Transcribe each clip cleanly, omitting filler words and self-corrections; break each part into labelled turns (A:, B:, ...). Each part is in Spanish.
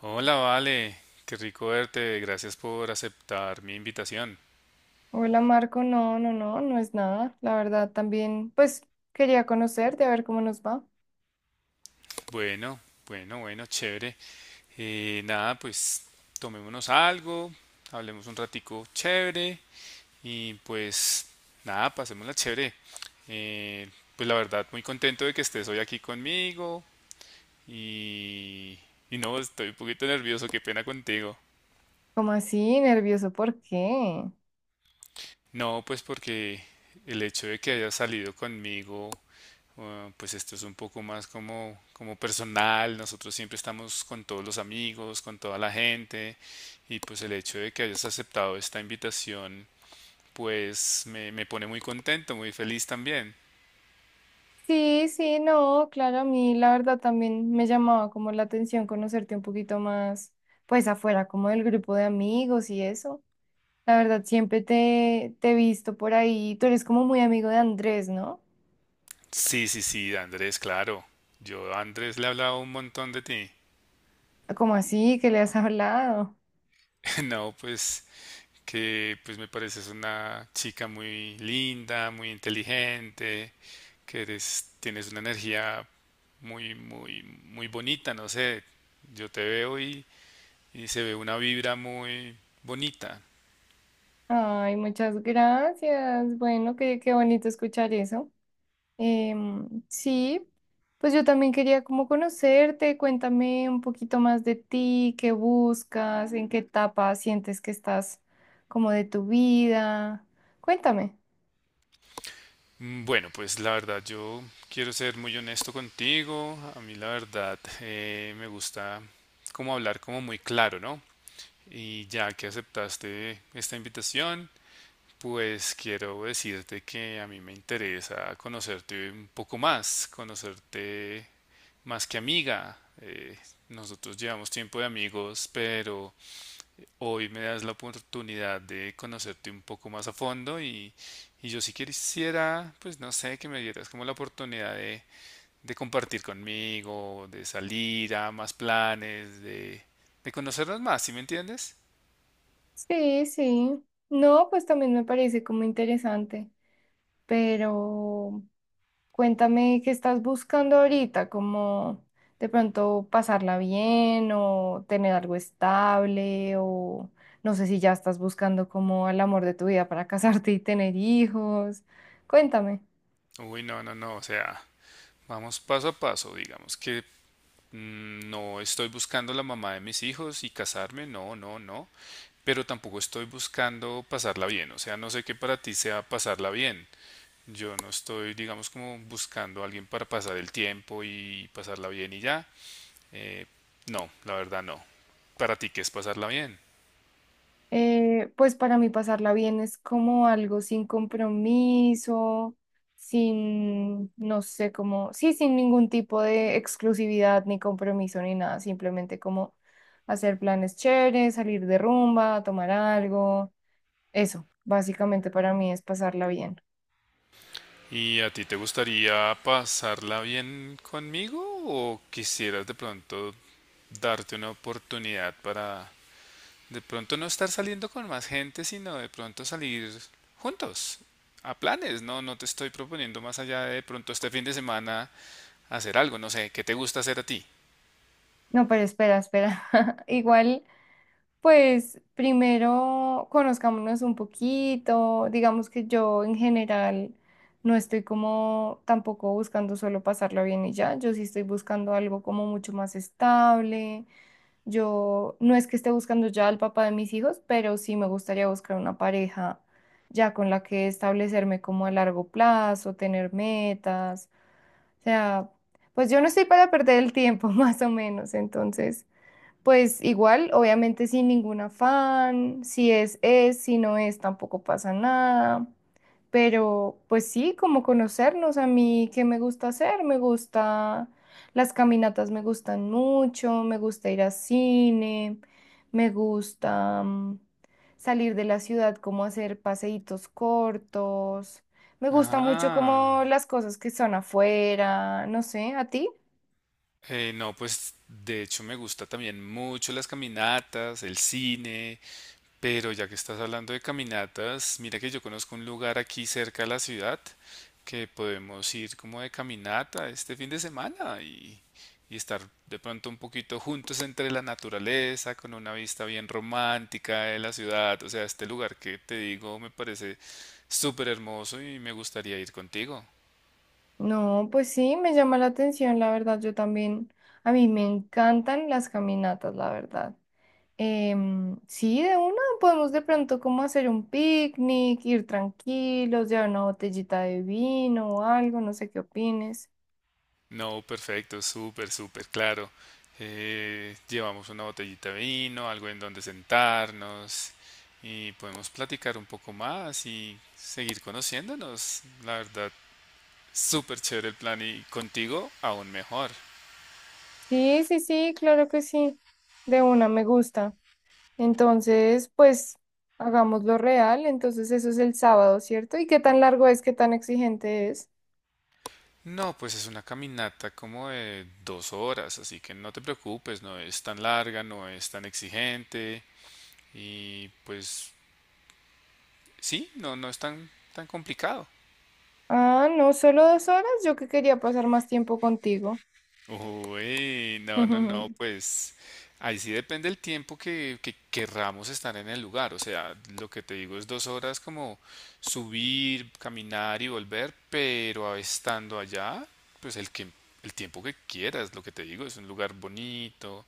A: Hola, Vale, qué rico verte, gracias por aceptar mi invitación.
B: Hola Marco, no, no, no, no es nada. La verdad también, pues quería conocerte, a ver cómo nos va.
A: Bueno, bueno, chévere. Nada, Pues tomémonos algo, hablemos un ratico chévere y pues nada, pasémosla chévere. Eh, pues la verdad, muy contento de que estés hoy aquí conmigo y, y no, estoy un poquito nervioso, qué pena contigo.
B: ¿Cómo así? ¿Nervioso? ¿Por qué?
A: No, pues porque el hecho de que hayas salido conmigo. Pues esto es un poco más como personal, nosotros siempre estamos con todos los amigos, con toda la gente, y pues el hecho de que hayas aceptado esta invitación pues me pone muy contento, muy feliz también.
B: Sí, sí, no, claro, a mí la verdad también me llamaba como la atención conocerte un poquito más, pues afuera, como del grupo de amigos y eso. La verdad, siempre te he visto por ahí. Tú eres como muy amigo de Andrés, ¿no?
A: Sí, sí, sí, Andrés, claro. Yo a Andrés le he hablado un montón de ti.
B: ¿Cómo así? ¿Que le has hablado?
A: No, pues me pareces una chica muy linda, muy inteligente, que eres, tienes una energía muy bonita, no sé, yo te veo y se ve una vibra muy bonita.
B: Ay, muchas gracias. Bueno, qué bonito escuchar eso. Sí, pues yo también quería como conocerte, cuéntame un poquito más de ti, qué buscas, en qué etapa sientes que estás como de tu vida. Cuéntame.
A: Bueno, pues la verdad yo quiero ser muy honesto contigo, a mí la verdad me gusta como hablar como muy claro, ¿no? Y ya que aceptaste esta invitación, pues quiero decirte que a mí me interesa conocerte un poco más, conocerte más que amiga. Nosotros llevamos tiempo de amigos, pero hoy me das la oportunidad de conocerte un poco más a fondo, y yo sí quisiera, pues no sé, que me dieras como la oportunidad de compartir conmigo, de salir a más planes, de conocernos más, ¿sí me entiendes?
B: Sí, sí. No, pues también me parece como interesante, pero cuéntame qué estás buscando ahorita, como de pronto pasarla bien o tener algo estable o no sé si ya estás buscando como el amor de tu vida para casarte y tener hijos. Cuéntame.
A: Uy, no, no, no, o sea, vamos paso a paso, digamos que no estoy buscando la mamá de mis hijos y casarme, no, no, no, pero tampoco estoy buscando pasarla bien, o sea, no sé qué para ti sea pasarla bien. Yo no estoy, digamos, como buscando a alguien para pasar el tiempo y pasarla bien y ya. Eh, no, la verdad no. Para ti, ¿qué es pasarla bien?
B: Pues para mí pasarla bien es como algo sin compromiso, sin, no sé, como, sí, sin ningún tipo de exclusividad ni compromiso ni nada, simplemente como hacer planes chéveres, salir de rumba, tomar algo. Eso, básicamente para mí es pasarla bien.
A: ¿Y a ti te gustaría pasarla bien conmigo o quisieras de pronto darte una oportunidad para de pronto no estar saliendo con más gente, sino de pronto salir juntos a planes? No, no te estoy proponiendo más allá de pronto este fin de semana hacer algo, no sé, ¿qué te gusta hacer a ti?
B: No, pero espera, espera. Igual, pues primero conozcámonos un poquito. Digamos que yo en general no estoy como tampoco buscando solo pasarla bien y ya. Yo sí estoy buscando algo como mucho más estable. Yo no es que esté buscando ya al papá de mis hijos, pero sí me gustaría buscar una pareja ya con la que establecerme como a largo plazo, tener metas. O sea, pues yo no estoy para perder el tiempo, más o menos. Entonces, pues igual, obviamente sin ningún afán, si no es, tampoco pasa nada. Pero pues sí, como conocernos a mí, ¿qué me gusta hacer? Me gusta, las caminatas me gustan mucho, me gusta ir al cine, me gusta salir de la ciudad, como hacer paseitos cortos. Me gusta mucho
A: Ah.
B: como las cosas que son afuera, no sé, ¿a ti?
A: No, pues de hecho me gusta también mucho las caminatas, el cine, pero ya que estás hablando de caminatas, mira que yo conozco un lugar aquí cerca de la ciudad que podemos ir como de caminata este fin de semana y estar de pronto un poquito juntos entre la naturaleza, con una vista bien romántica de la ciudad. O sea, este lugar que te digo me parece súper hermoso y me gustaría ir contigo.
B: No, pues sí, me llama la atención, la verdad, yo también, a mí me encantan las caminatas, la verdad. Sí, de una podemos de pronto como hacer un picnic, ir tranquilos, llevar una botellita de vino o algo, no sé qué opines.
A: No, perfecto, súper, súper claro. Llevamos una botellita de vino, algo en donde sentarnos y podemos platicar un poco más y seguir conociéndonos. La verdad, súper chévere el plan y contigo aún mejor.
B: Sí, sí, sí, claro que sí, de una me gusta. Entonces, pues hagámoslo real, entonces eso es el sábado, ¿cierto? ¿Y qué tan largo es, qué tan exigente es?
A: No, pues es una caminata como de 2 horas, así que no te preocupes, no es tan larga, no es tan exigente y pues sí, no, no es tan, tan complicado.
B: Ah, no, solo 2 horas, yo que quería pasar más tiempo contigo.
A: Uy, no, no, no,
B: Ujú.
A: pues ahí sí depende el tiempo que querramos estar en el lugar. O sea, lo que te digo es 2 horas como subir, caminar y volver, pero estando allá, pues el tiempo que quieras, lo que te digo, es un lugar bonito,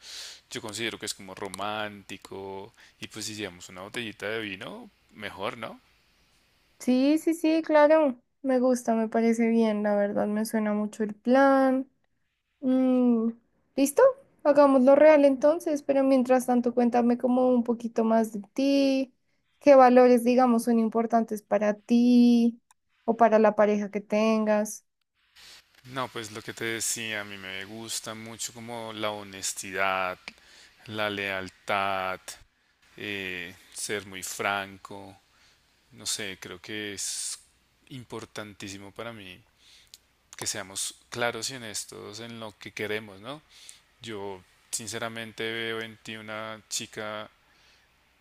A: yo considero que es como romántico, y pues si llevamos una botellita de vino, mejor, ¿no?
B: Sí, sí, sí, claro. Me gusta, me parece bien, la verdad, me suena mucho el plan. Mm, ¿listo? Hagámoslo real entonces, pero mientras tanto cuéntame como un poquito más de ti, qué valores, digamos, son importantes para ti o para la pareja que tengas.
A: No, pues lo que te decía, a mí me gusta mucho como la honestidad, la lealtad. Ser muy franco, no sé, creo que es importantísimo para mí que seamos claros y honestos en lo que queremos, ¿no? Yo sinceramente veo en ti una chica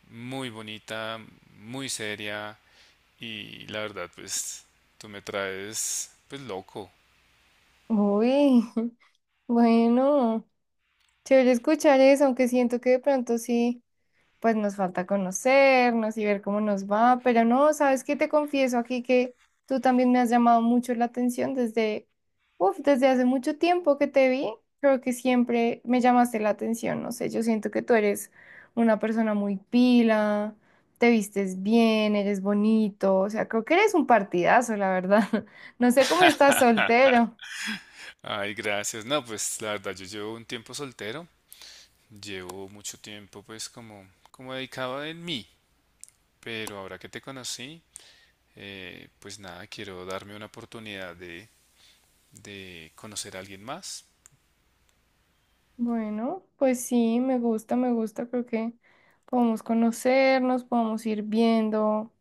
A: muy bonita, muy seria y la verdad pues tú me traes pues loco.
B: Uy, bueno, chévere escuchar eso, aunque siento que de pronto sí, pues nos falta conocernos y ver cómo nos va, pero no, ¿sabes qué? Te confieso aquí que tú también me has llamado mucho la atención desde, uf, desde hace mucho tiempo que te vi, creo que siempre me llamaste la atención, no sé, yo siento que tú eres una persona muy pila, te vistes bien, eres bonito, o sea, creo que eres un partidazo, la verdad. No sé cómo estás soltero.
A: Ay, gracias. No, pues la verdad yo llevo un tiempo soltero, llevo mucho tiempo pues como dedicado en mí, pero ahora que te conocí pues nada, quiero darme una oportunidad de conocer a alguien más.
B: Bueno, pues sí, me gusta, creo que podemos conocernos, podemos ir viendo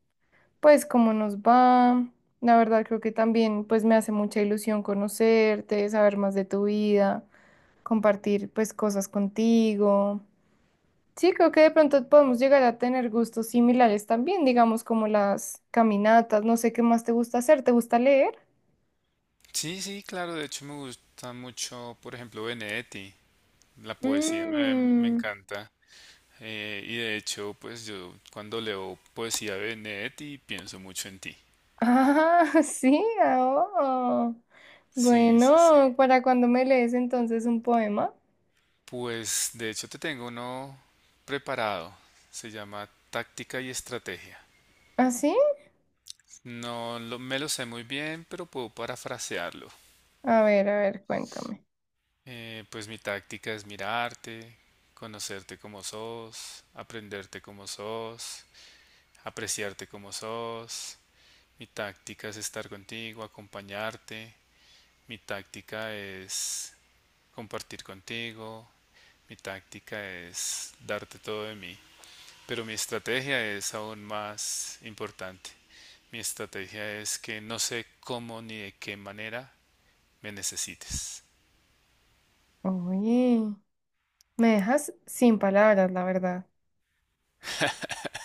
B: pues cómo nos va. La verdad creo que también pues me hace mucha ilusión conocerte, saber más de tu vida, compartir pues cosas contigo. Sí, creo que de pronto podemos llegar a tener gustos similares también, digamos como las caminatas, no sé qué más te gusta hacer, ¿te gusta leer?
A: Sí, sí, claro, de hecho me gusta mucho, por ejemplo, Benedetti, la poesía me
B: Mm,
A: encanta. Y de hecho, pues yo cuando leo poesía de Benedetti pienso mucho en ti.
B: ah, sí, ah, oh.
A: Sí, sí, sí.
B: Bueno, ¿para cuando me lees entonces un poema?
A: Pues de hecho te tengo uno preparado. Se llama Táctica y Estrategia.
B: ¿Ah, sí?
A: No lo- Me lo sé muy bien, pero puedo parafrasearlo.
B: A ver, cuéntame.
A: Pues mi táctica es mirarte, conocerte como sos, aprenderte como sos, apreciarte como sos. Mi táctica es estar contigo, acompañarte. Mi táctica es compartir contigo. Mi táctica es darte todo de mí. Pero mi estrategia es aún más importante. Mi estrategia es que no sé cómo ni de qué manera me necesites.
B: Uy, me dejas sin palabras, la verdad.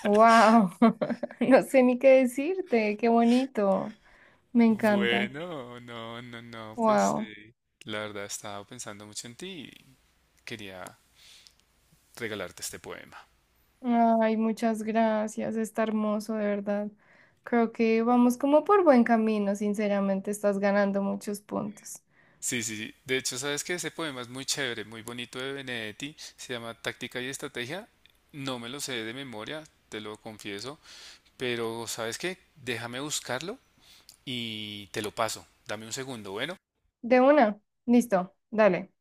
B: ¡Wow! No sé ni qué decirte. ¡Qué bonito! Me encanta.
A: Bueno, no, no, no, pues sí.
B: ¡Wow!
A: La verdad estaba pensando mucho en ti y quería regalarte este poema.
B: Ay, muchas gracias. Está hermoso, de verdad. Creo que vamos como por buen camino, sinceramente. Estás ganando muchos puntos.
A: Sí, sí, sí. De hecho, sabes que ese poema es muy chévere, muy bonito de Benedetti. Se llama Táctica y Estrategia. No me lo sé de memoria, te lo confieso. Pero, ¿sabes qué? Déjame buscarlo y te lo paso. Dame un segundo, bueno.
B: De una. Listo. Dale.